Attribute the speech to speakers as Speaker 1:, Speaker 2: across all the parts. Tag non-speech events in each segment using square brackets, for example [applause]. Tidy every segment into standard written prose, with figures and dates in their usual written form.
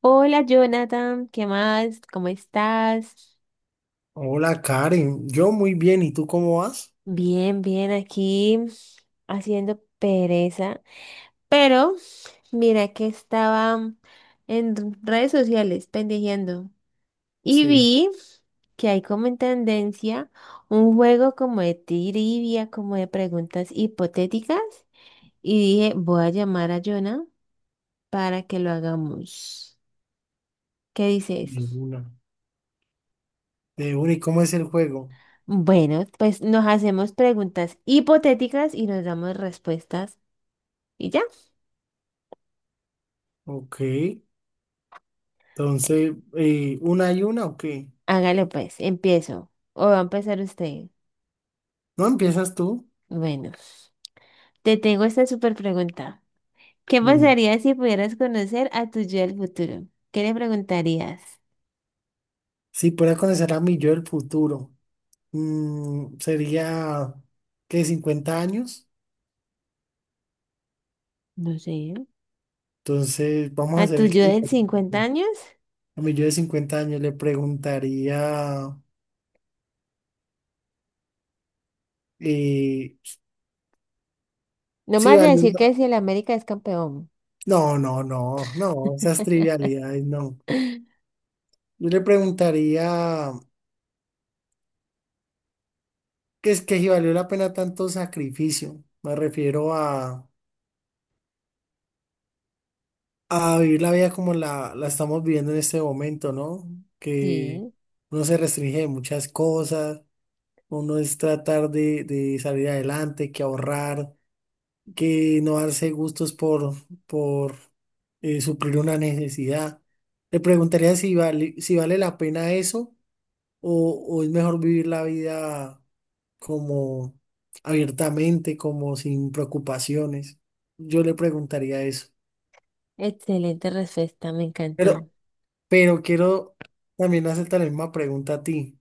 Speaker 1: Hola Jonathan, ¿qué más? ¿Cómo estás?
Speaker 2: Hola Karen, yo muy bien, ¿y tú cómo vas?
Speaker 1: Bien, bien, aquí haciendo pereza. Pero mira que estaba en redes sociales pendejeando y
Speaker 2: Sí,
Speaker 1: vi que hay como en tendencia un juego como de trivia, como de preguntas hipotéticas y dije, voy a llamar a Jonah para que lo hagamos. ¿Qué
Speaker 2: de
Speaker 1: dices?
Speaker 2: una. De una, ¿y cómo es el juego?
Speaker 1: Bueno, pues nos hacemos preguntas hipotéticas y nos damos respuestas. ¿Y ya?
Speaker 2: Ok, entonces, ¿una y una o qué?
Speaker 1: Hágale pues, empiezo. O va a empezar usted.
Speaker 2: ¿No empiezas tú?
Speaker 1: Bueno, te tengo esta super pregunta. ¿Qué
Speaker 2: Dime.
Speaker 1: pasaría si pudieras conocer a tu yo del futuro? ¿Qué le preguntarías?
Speaker 2: Si pudiera conocer a mi yo del futuro, sería, ¿qué? ¿50 años?
Speaker 1: No sé.
Speaker 2: Entonces, vamos
Speaker 1: ¿A
Speaker 2: a hacer
Speaker 1: tu
Speaker 2: el
Speaker 1: yo
Speaker 2: caso
Speaker 1: del 50
Speaker 2: hipotético.
Speaker 1: años?
Speaker 2: A mi yo de 50 años le preguntaría eh,
Speaker 1: No
Speaker 2: si
Speaker 1: más de
Speaker 2: vale.
Speaker 1: decir que si el América es campeón.
Speaker 2: No, no, no, no, esas
Speaker 1: [laughs]
Speaker 2: trivialidades, no. Yo le preguntaría, ¿qué es que si valió la pena tanto sacrificio? Me refiero a vivir la vida como la estamos viviendo en este momento, ¿no? Que
Speaker 1: Sí,
Speaker 2: uno se restringe de muchas cosas, uno es tratar de salir adelante, que ahorrar, que no darse gustos por, por suplir una necesidad. Le preguntaría si vale, si vale la pena eso o es mejor vivir la vida, como abiertamente, como sin preocupaciones. Yo le preguntaría eso.
Speaker 1: excelente respuesta, me encantó.
Speaker 2: Pero, pero quiero también hacerte la misma pregunta a ti.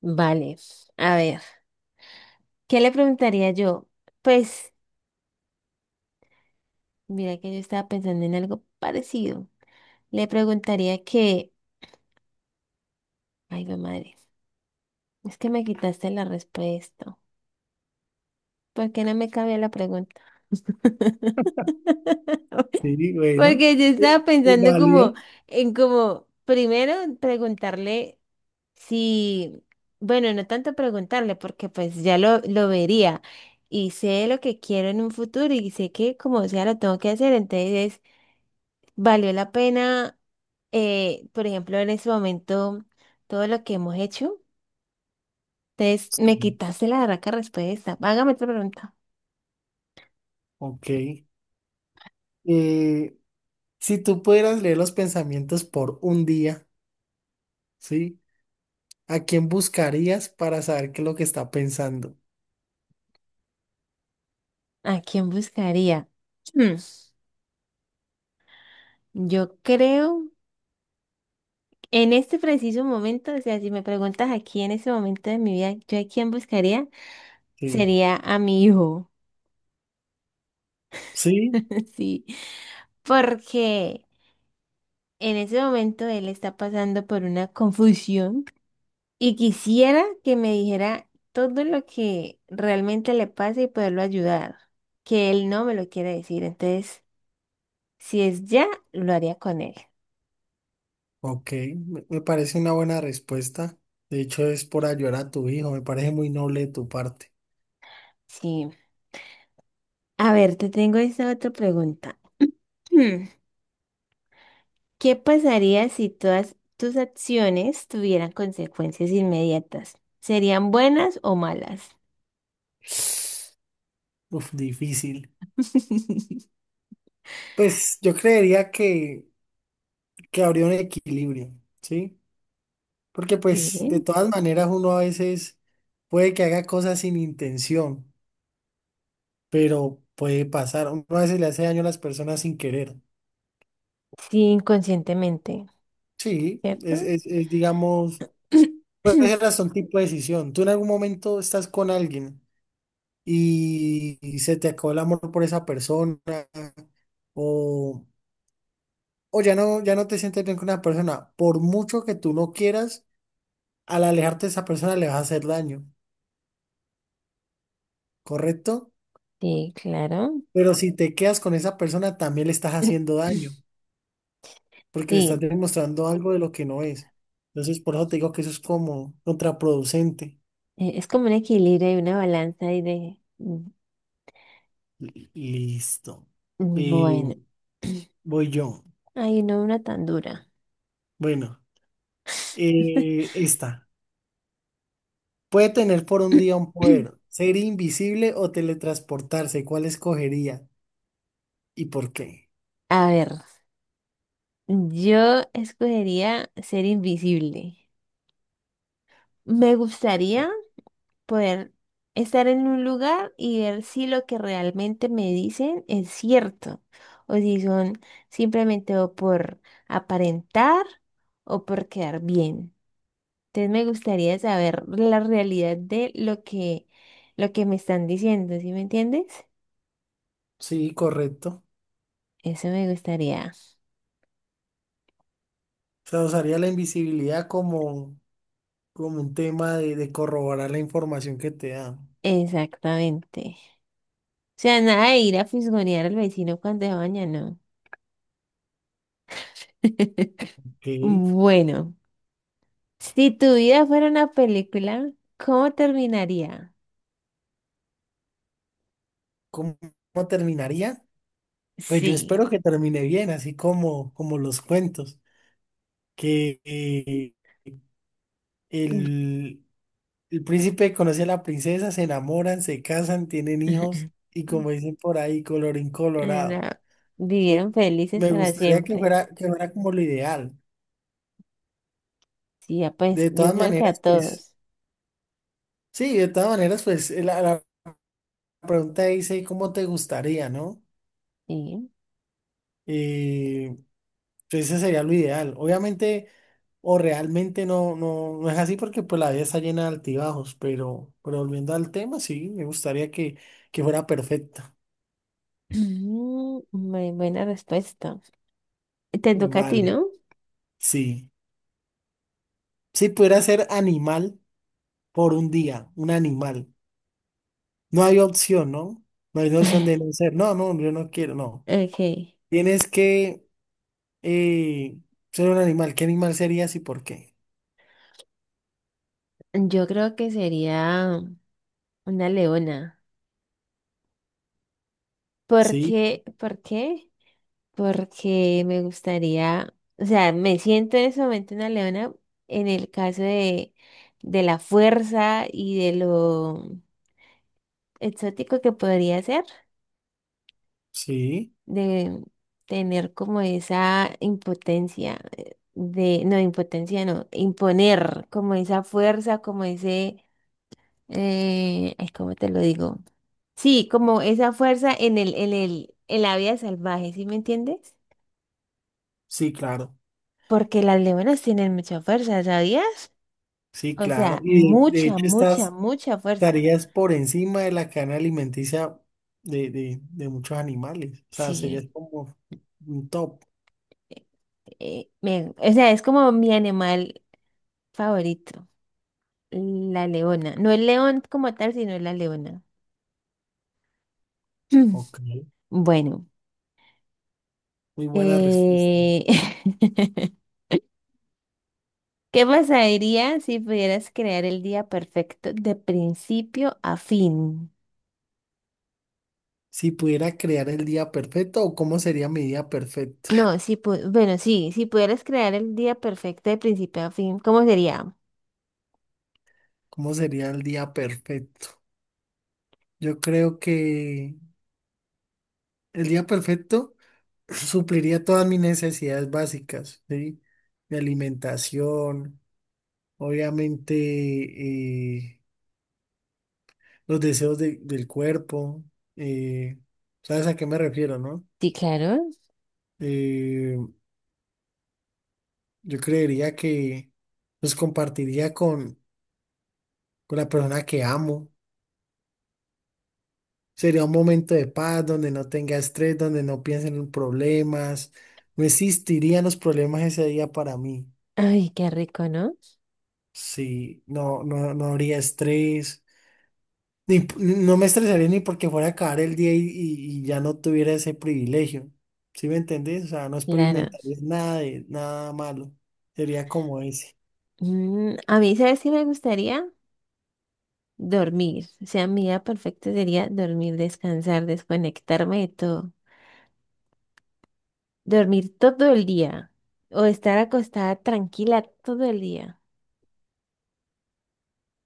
Speaker 1: Vale, a ver. ¿Qué le preguntaría yo? Pues, mira que yo estaba pensando en algo parecido. Le preguntaría que, ay, mi madre, es que me quitaste la respuesta. ¿Por qué no me cabía la pregunta?
Speaker 2: Sí, bueno,
Speaker 1: Porque yo estaba
Speaker 2: es
Speaker 1: pensando como
Speaker 2: válido.
Speaker 1: en como, primero preguntarle si, bueno, no tanto preguntarle, porque pues ya lo vería y sé lo que quiero en un futuro y sé que como sea lo tengo que hacer, entonces valió la pena, por ejemplo, en ese momento, todo lo que hemos hecho. Entonces, me
Speaker 2: Sí.
Speaker 1: quitaste la raca respuesta. Hágame otra pregunta.
Speaker 2: Ok. Eh, si tú pudieras leer los pensamientos por un día, ¿sí? ¿A quién buscarías para saber qué es lo que está pensando?
Speaker 1: ¿A quién buscaría? Hmm, Yo creo, en este preciso momento, o sea, si me preguntas aquí en ese momento de mi vida, ¿yo a quién buscaría?
Speaker 2: Sí.
Speaker 1: Sería a mi hijo.
Speaker 2: Sí,
Speaker 1: [laughs] Sí, porque en ese momento él está pasando por una confusión. Y quisiera que me dijera todo lo que realmente le pasa y poderlo ayudar, que él no me lo quiere decir. Entonces, si es ya, lo haría con él.
Speaker 2: ok. Me parece una buena respuesta. De hecho, es por ayudar a tu hijo. Me parece muy noble de tu parte.
Speaker 1: Sí. A ver, te tengo esta otra pregunta. Hmm, ¿Qué pasaría si todas tus acciones tuvieran consecuencias inmediatas? ¿Serían buenas o malas?
Speaker 2: Uf, difícil.
Speaker 1: [laughs]
Speaker 2: Pues yo creería que habría un equilibrio, ¿sí? Porque
Speaker 1: Sí,
Speaker 2: pues de todas maneras uno a veces puede que haga cosas sin intención, pero puede pasar. Uno a veces le hace daño a las personas sin querer.
Speaker 1: sí, inconscientemente,
Speaker 2: Sí,
Speaker 1: ¿cierto?
Speaker 2: digamos, puede ser hasta un tipo de decisión. Tú en algún momento estás con alguien y se te acabó el amor por esa persona o, o ya no, ya no te sientes bien con una persona. Por mucho que tú no quieras, al alejarte de esa persona le vas a hacer daño, ¿correcto?
Speaker 1: Sí, claro.
Speaker 2: Pero si te quedas con esa persona, también le estás haciendo
Speaker 1: [laughs]
Speaker 2: daño, porque le estás
Speaker 1: Sí.
Speaker 2: demostrando algo de lo que no es. Entonces, por eso te digo que eso es como contraproducente.
Speaker 1: Es como un equilibrio y una balanza
Speaker 2: Listo. Eh,
Speaker 1: bueno,
Speaker 2: voy yo.
Speaker 1: ay, no una tan dura.
Speaker 2: Bueno, esta. Puede tener por un día un
Speaker 1: [clears throat]
Speaker 2: poder, ser invisible o teletransportarse. ¿Cuál escogería y por qué?
Speaker 1: A ver, yo escogería ser invisible. Me gustaría poder estar en un lugar y ver si lo que realmente me dicen es cierto o si son simplemente o por aparentar o por quedar bien. Entonces me gustaría saber la realidad de lo que me están diciendo, ¿sí me entiendes?
Speaker 2: Sí, correcto.
Speaker 1: Eso me gustaría.
Speaker 2: O sea, usaría la invisibilidad como, como un tema de corroborar la información que te da.
Speaker 1: Exactamente. O sea, nada de ir a fisgonear al vecino cuando se baña, no. [laughs]
Speaker 2: Ok.
Speaker 1: Bueno, si tu vida fuera una película, ¿cómo terminaría?
Speaker 2: ¿Cómo, cómo terminaría? Pues yo
Speaker 1: Sí.
Speaker 2: espero que termine bien, así como, como los cuentos, que el, el príncipe conoce a la princesa, se enamoran, se casan, tienen hijos
Speaker 1: [laughs]
Speaker 2: y, como dicen por ahí, colorín
Speaker 1: No,
Speaker 2: colorado. Sí,
Speaker 1: vivieron felices
Speaker 2: me
Speaker 1: para
Speaker 2: gustaría
Speaker 1: siempre.
Speaker 2: que fuera como lo ideal.
Speaker 1: Sí, ya pues
Speaker 2: De
Speaker 1: yo
Speaker 2: todas
Speaker 1: creo que a
Speaker 2: maneras, pues,
Speaker 1: todos.
Speaker 2: sí, de todas maneras, pues la pregunta dice, ¿cómo te gustaría, no?
Speaker 1: Sí.
Speaker 2: Eh, entonces ese sería lo ideal. Obviamente, o realmente no, no, no es así porque pues la vida está llena de altibajos, pero volviendo al tema, sí, me gustaría que fuera perfecta.
Speaker 1: [clears throat] Muy buena respuesta. Te toca a ti,
Speaker 2: Vale,
Speaker 1: ¿no?
Speaker 2: sí. Si pudiera ser animal por un día, un animal. No hay opción, ¿no? No hay opción de no
Speaker 1: [laughs]
Speaker 2: ser. No, no, yo no quiero, no.
Speaker 1: Ok.
Speaker 2: Tienes que eh, ser un animal. ¿Qué animal serías y por qué?
Speaker 1: Yo creo que sería una leona. ¿Por
Speaker 2: Sí,
Speaker 1: qué? ¿Por qué? Porque me gustaría, o sea, me siento en ese momento una leona en el caso de la fuerza y de lo exótico que podría ser,
Speaker 2: sí,
Speaker 1: de tener como esa impotencia, de, no, impotencia no, imponer como esa fuerza, como ese ay, ¿cómo te lo digo? Sí, como esa fuerza en en la vida salvaje, ¿sí me entiendes?
Speaker 2: sí, claro.
Speaker 1: Porque las leonas tienen mucha fuerza, ¿sabías?
Speaker 2: Sí,
Speaker 1: O
Speaker 2: claro.
Speaker 1: sea,
Speaker 2: Y de
Speaker 1: mucha,
Speaker 2: hecho
Speaker 1: mucha,
Speaker 2: estás...
Speaker 1: mucha fuerza.
Speaker 2: Estarías por encima de la cadena alimenticia de muchos animales. O sea, serías
Speaker 1: Sí.
Speaker 2: como un top.
Speaker 1: eh, o sea, es como mi animal favorito, la leona. No el león como tal, sino la leona.
Speaker 2: Ok,
Speaker 1: [clears throat] Bueno,
Speaker 2: muy buena respuesta.
Speaker 1: eh, [laughs] ¿qué pasaría si pudieras crear el día perfecto de principio a fin?
Speaker 2: Si pudiera crear el día perfecto, ¿o cómo sería mi día perfecto?
Speaker 1: Bueno, sí, si pudieras crear el día perfecto de principio a fin, ¿cómo sería?
Speaker 2: ¿Cómo sería el día perfecto? Yo creo que el día perfecto [clears throat] supliría todas mis necesidades básicas, ¿sí? De alimentación, obviamente, los deseos del cuerpo. eh, ¿Sabes a qué me refiero, no?
Speaker 1: Sí, claro.
Speaker 2: Eh, yo creería que los compartiría con la persona que amo. Sería un momento de paz donde no tenga estrés, donde no piensen en problemas. No existirían los problemas ese día para mí.
Speaker 1: Ay, qué rico, ¿no?
Speaker 2: Sí, no, no, no habría estrés. Ni p- No me estresaría ni porque fuera a acabar el día y ya no tuviera ese privilegio. ¿Sí me entendés? O sea, no
Speaker 1: Claro.
Speaker 2: experimentaría nada de nada malo. Sería como ese.
Speaker 1: Mm, a mí, ¿sabes si me gustaría? Dormir. O sea, mi día perfecto sería dormir, descansar, desconectarme de todo. Dormir todo el día. O estar acostada tranquila todo el día.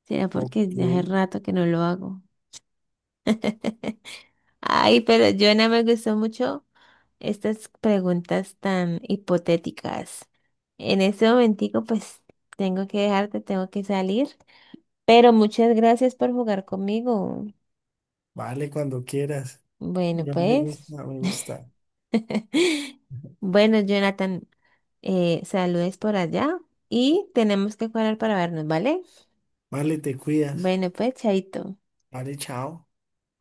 Speaker 1: Será
Speaker 2: Ok,
Speaker 1: porque ya hace rato que no lo hago. Ay, pero Joana, me gustó mucho estas preguntas tan hipotéticas. En este momentico, pues, tengo que dejarte, tengo que salir. Pero muchas gracias por jugar conmigo.
Speaker 2: vale, cuando quieras.
Speaker 1: Bueno,
Speaker 2: Ya me
Speaker 1: pues.
Speaker 2: gusta, me gusta.
Speaker 1: Bueno, Jonathan, saludes por allá y tenemos que cuadrar para vernos, ¿vale?
Speaker 2: Vale, te cuidas.
Speaker 1: Bueno, pues, chaito.
Speaker 2: Vale, chao.